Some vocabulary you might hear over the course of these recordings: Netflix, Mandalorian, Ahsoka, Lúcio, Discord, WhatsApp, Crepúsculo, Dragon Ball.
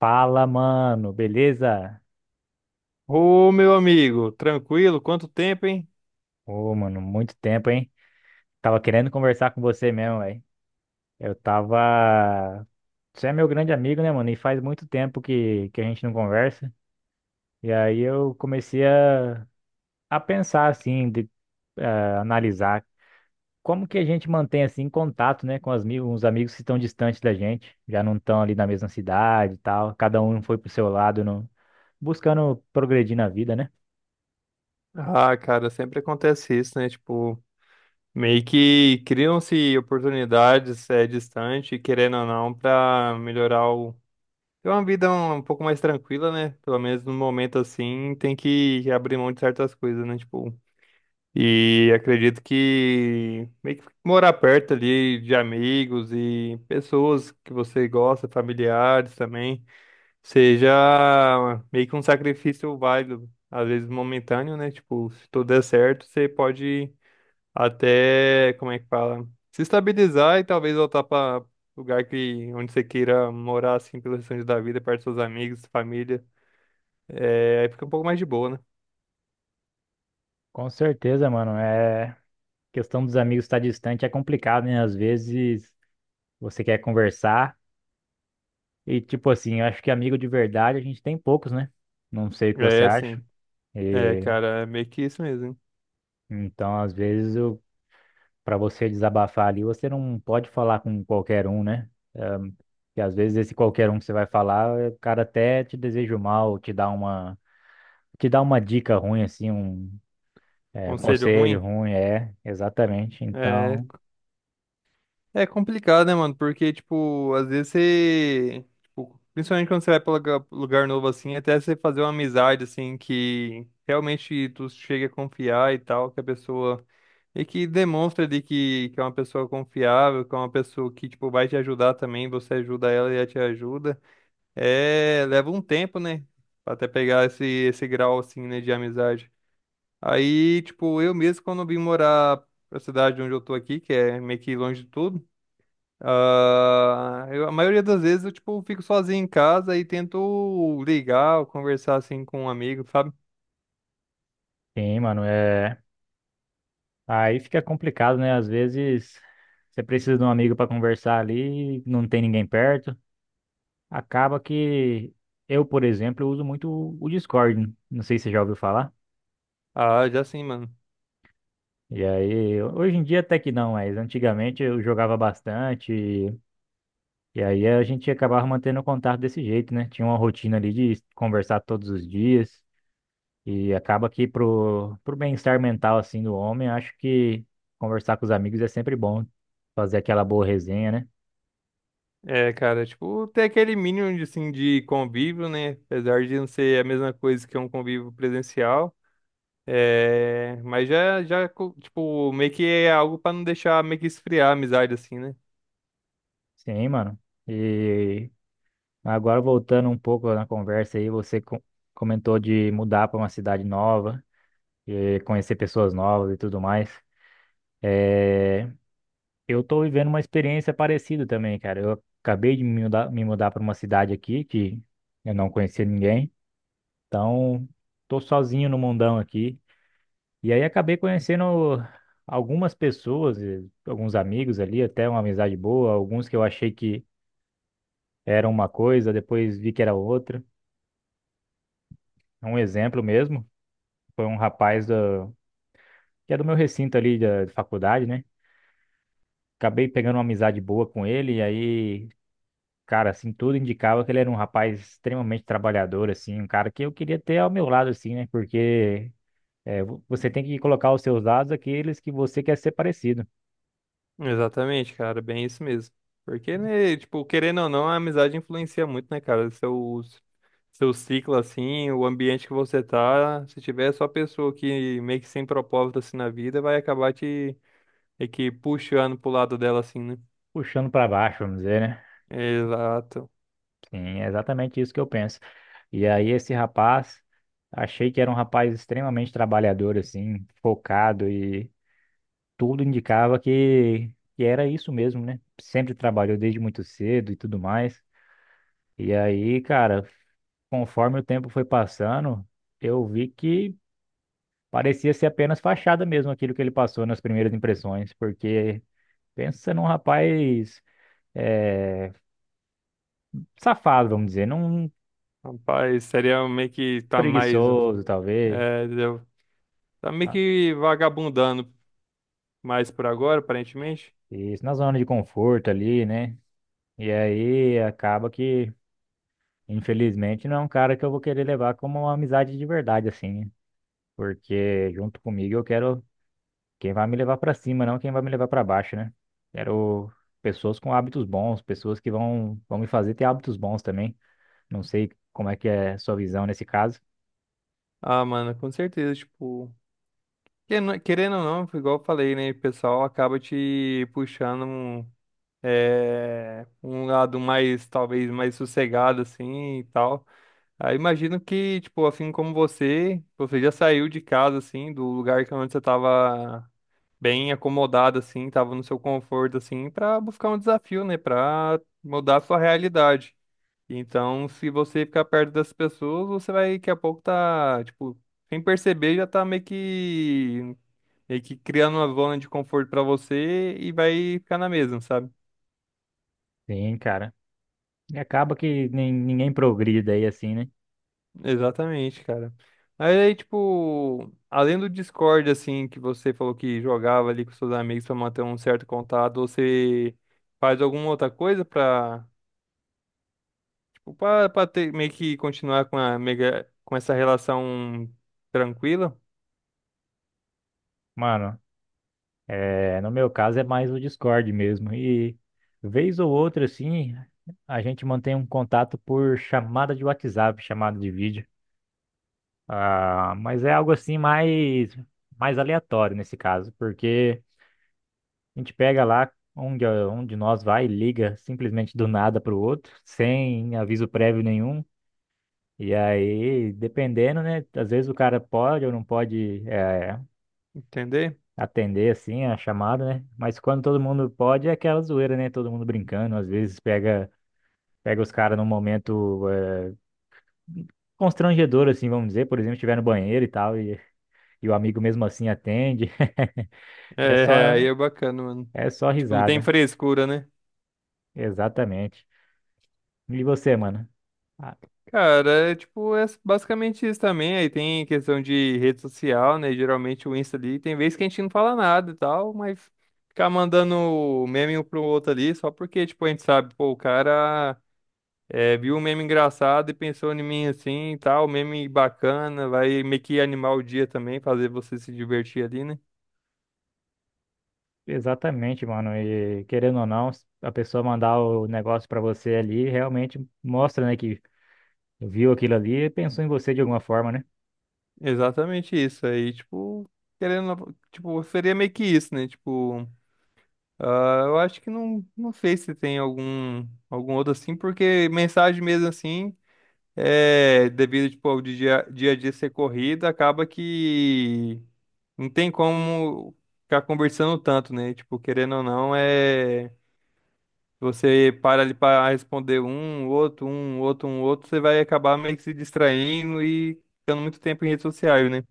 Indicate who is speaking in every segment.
Speaker 1: Fala, mano, beleza?
Speaker 2: Ô, meu amigo, tranquilo? Quanto tempo, hein?
Speaker 1: Ô, mano, muito tempo, hein? Tava querendo conversar com você mesmo, velho. Eu tava. Você é meu grande amigo, né, mano? E faz muito tempo que a gente não conversa. E aí eu comecei a pensar, assim, de eh, analisar como que a gente mantém, assim, contato, né, com os amigos que estão distantes da gente, já não estão ali na mesma cidade e tal, cada um foi pro seu lado, não buscando progredir na vida, né?
Speaker 2: Ah, cara, sempre acontece isso, né? Tipo, meio que criam-se oportunidades é, distante, querendo ou não, pra melhorar o. Ter uma vida um pouco mais tranquila, né? Pelo menos no momento assim, tem que abrir mão de certas coisas, né? Tipo, e acredito que meio que morar perto ali de amigos e pessoas que você gosta, familiares também. Seja meio que um sacrifício válido, às vezes momentâneo, né? Tipo, se tudo der certo, você pode até, como é que fala? Se estabilizar e talvez voltar para lugar que onde você queira morar, assim, pelo restante da vida, perto dos seus amigos, família. É, aí fica um pouco mais de boa, né?
Speaker 1: Com certeza, mano. É, questão dos amigos estar distante é complicado, né? Às vezes você quer conversar e, tipo assim, eu acho que amigo de verdade a gente tem poucos, né? Não sei o que você
Speaker 2: É,
Speaker 1: acha.
Speaker 2: assim, é,
Speaker 1: E
Speaker 2: cara, é meio que isso mesmo. Hein?
Speaker 1: então, às vezes, eu, para você desabafar ali, você não pode falar com qualquer um, né? Um, e às vezes esse qualquer um que você vai falar, é, o cara até te deseja o mal, te dá uma dica ruim, assim, um, é, um
Speaker 2: Conselho
Speaker 1: conselho
Speaker 2: ruim?
Speaker 1: ruim, é, exatamente.
Speaker 2: É,
Speaker 1: Então,
Speaker 2: é complicado, né, mano? Porque, tipo, às vezes você. Tipo, principalmente quando você vai pra lugar novo, assim, até você fazer uma amizade, assim, que realmente tu chega a confiar e tal, que a pessoa. E que demonstra de que é uma pessoa confiável, que é uma pessoa que, tipo, vai te ajudar também, você ajuda ela e ela te ajuda. É. Leva um tempo, né? Pra até pegar esse grau, assim, né, de amizade. Aí, tipo, eu mesmo, quando vim morar pra cidade onde eu tô aqui, que é meio que longe de tudo. Ah, eu- a maioria das vezes eu, tipo, fico sozinho em casa e tento ligar ou conversar, assim, com um amigo, sabe?
Speaker 1: sim, mano, é. Aí fica complicado, né? Às vezes você precisa de um amigo para conversar ali, não tem ninguém perto. Acaba que eu, por exemplo, uso muito o Discord. Não sei se você já ouviu falar.
Speaker 2: Ah, já sim, mano.
Speaker 1: E aí, hoje em dia até que não, mas antigamente eu jogava bastante. E aí a gente acabava mantendo o contato desse jeito, né? Tinha uma rotina ali de conversar todos os dias. E acaba que pro bem-estar mental assim do homem, acho que conversar com os amigos é sempre bom. Fazer aquela boa resenha, né?
Speaker 2: É, cara, tipo, ter aquele mínimo, de, assim, de convívio, né? Apesar de não ser a mesma coisa que um convívio presencial. É, mas já, já, co- tipo, meio que é algo pra não deixar meio que esfriar a amizade, assim, né?
Speaker 1: Sim, mano. E agora voltando um pouco na conversa aí, comentou de mudar para uma cidade nova, e conhecer pessoas novas e tudo mais. É, eu tô vivendo uma experiência parecida também, cara. Eu acabei me mudar para uma cidade aqui que eu não conhecia ninguém. Então, tô sozinho no mundão aqui. E aí acabei conhecendo algumas pessoas, e alguns amigos ali, até uma amizade boa, alguns que eu achei que era uma coisa, depois vi que era outra. É um exemplo mesmo. Foi um rapaz da que é do meu recinto ali da de faculdade, né? Acabei pegando uma amizade boa com ele, e aí, cara, assim, tudo indicava que ele era um rapaz extremamente trabalhador, assim, um cara que eu queria ter ao meu lado, assim, né? Porque é, você tem que colocar os seus lados aqueles que você quer ser parecido,
Speaker 2: Exatamente, cara, bem isso mesmo. Porque, né, tipo, querendo ou não, a amizade influencia muito, né, cara? Seu ciclo, assim, o ambiente que você tá, se tiver só pessoa que meio que sem propósito, assim, na vida, vai acabar te, meio que puxando pro lado dela, assim, né?
Speaker 1: puxando pra baixo, vamos dizer, né?
Speaker 2: Exato.
Speaker 1: Sim, é exatamente isso que eu penso. E aí, esse rapaz, achei que era um rapaz extremamente trabalhador, assim, focado e tudo indicava que era isso mesmo, né? Sempre trabalhou desde muito cedo e tudo mais. E aí, cara, conforme o tempo foi passando, eu vi que parecia ser apenas fachada mesmo aquilo que ele passou nas primeiras impressões, porque pensa num rapaz eh, safado, vamos dizer, num
Speaker 2: Rapaz, seria meio que tá mais,
Speaker 1: preguiçoso, talvez,
Speaker 2: é, entendeu? Tá meio
Speaker 1: tá?
Speaker 2: que vagabundando mais por agora, aparentemente.
Speaker 1: Isso na zona de conforto ali, né? E aí acaba que, infelizmente, não é um cara que eu vou querer levar como uma amizade de verdade, assim, né? Porque junto comigo eu quero quem vai me levar para cima, não quem vai me levar para baixo, né? Quero pessoas com hábitos bons, pessoas que vão, vão me fazer ter hábitos bons também. Não sei como é que é a sua visão nesse caso.
Speaker 2: Ah, mano, com certeza, tipo... Que não- querendo ou não, igual eu falei, né? O pessoal acaba te puxando um, é, um lado mais, talvez, mais sossegado, assim, e tal. Aí imagino que, tipo, assim como você, você já saiu de casa, assim, do lugar que onde você tava bem acomodado, assim, tava no seu conforto, assim, pra buscar um desafio, né? Pra mudar a sua realidade. Então, se você ficar perto das pessoas, você vai, daqui a pouco, tá, tipo, sem perceber, já tá meio que meio que criando uma zona de conforto pra você e vai ficar na mesma, sabe?
Speaker 1: Sim, cara. E acaba que nem, ninguém progride daí assim, né?
Speaker 2: Exatamente, cara. Mas aí, tipo, além do Discord, assim, que você falou que jogava ali com seus amigos pra manter um certo contato, você faz alguma outra coisa pra, tipo, pra ter, meio que continuar com a mega, com essa relação tranquila,
Speaker 1: Mano, é, no meu caso é mais o Discord mesmo. E vez ou outra, assim, a gente mantém um contato por chamada de WhatsApp, chamada de vídeo. Ah, mas é algo assim mais, mais aleatório nesse caso, porque a gente pega lá onde nós vai e liga simplesmente do nada para o outro, sem aviso prévio nenhum. E aí, dependendo, né? Às vezes o cara pode ou não pode
Speaker 2: entender?
Speaker 1: atender assim a chamada, né? Mas quando todo mundo pode, é aquela zoeira, né? Todo mundo brincando, às vezes pega, pega os caras num momento constrangedor, assim, vamos dizer, por exemplo, estiver no banheiro e tal, e o amigo mesmo assim atende. É só,
Speaker 2: É, aí é bacana, mano.
Speaker 1: é só
Speaker 2: Tipo, não tem
Speaker 1: risada.
Speaker 2: frescura, né?
Speaker 1: Exatamente. E você, mano? Ah,
Speaker 2: Cara, é tipo, é basicamente isso também. Aí tem questão de rede social, né? Geralmente o Insta ali, tem vezes que a gente não fala nada e tal, mas ficar mandando meme um pro outro ali, só porque, tipo, a gente sabe, pô, o cara é, viu um meme engraçado e pensou em mim assim e tal, meme bacana, vai meio que animar o dia também, fazer você se divertir ali, né?
Speaker 1: exatamente, mano. E querendo ou não, a pessoa mandar o negócio pra você ali realmente mostra, né, que viu aquilo ali e pensou em você de alguma forma, né?
Speaker 2: Exatamente isso. Aí, tipo, querendo, tipo, seria meio que isso, né? Tipo. Ah, eu acho que não, não sei se tem algum, algum outro assim, porque mensagem mesmo assim, é, devido tipo, ao dia, dia a dia ser corrida, acaba que não tem como ficar conversando tanto, né? Tipo, querendo ou não, é você para ali para responder um, outro, um, outro, um, outro, você vai acabar meio que se distraindo e ficando muito tempo em redes sociais, né?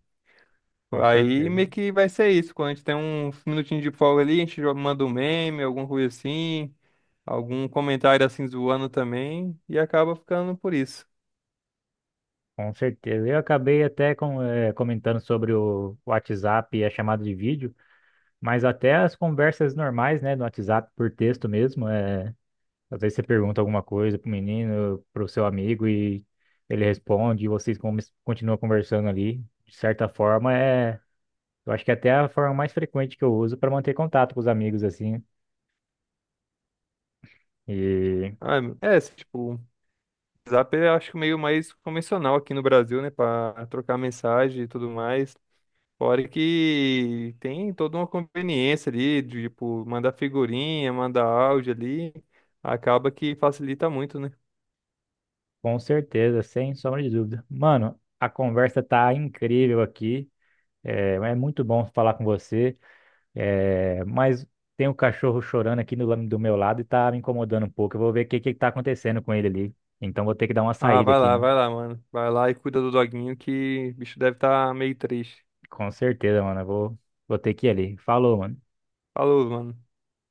Speaker 1: Com
Speaker 2: Aí
Speaker 1: certeza.
Speaker 2: meio que vai ser isso, quando a gente tem um minutinho de folga ali, a gente joga- manda um meme, alguma coisa assim algum comentário assim zoando também e acaba ficando por isso.
Speaker 1: Com certeza. Eu acabei até com, eh, comentando sobre o WhatsApp e a chamada de vídeo, mas até as conversas normais, né, no WhatsApp por texto mesmo, eh, às vezes você pergunta alguma coisa pro menino, pro seu amigo e ele responde e continuam conversando ali. De certa forma, é, eu acho que é até é a forma mais frequente que eu uso para manter contato com os amigos assim. E
Speaker 2: Ah, é, assim, tipo, o Zap é acho que meio mais convencional aqui no Brasil, né, para trocar mensagem e tudo mais. Fora que tem toda uma conveniência ali, de, tipo, mandar figurinha, mandar áudio ali, acaba que facilita muito, né?
Speaker 1: com certeza, sem sombra de dúvida. Mano, a conversa tá incrível aqui. É, é muito bom falar com você. É, mas tem um cachorro chorando aqui do meu lado e tá me incomodando um pouco. Eu vou ver o que que tá acontecendo com ele ali. Então vou ter que dar uma
Speaker 2: Ah,
Speaker 1: saída aqui, mano.
Speaker 2: vai lá, mano. Vai lá e cuida do doguinho que o bicho deve estar meio triste.
Speaker 1: Com certeza, mano. Eu vou, vou ter que ir ali. Falou, mano.
Speaker 2: Falou, mano.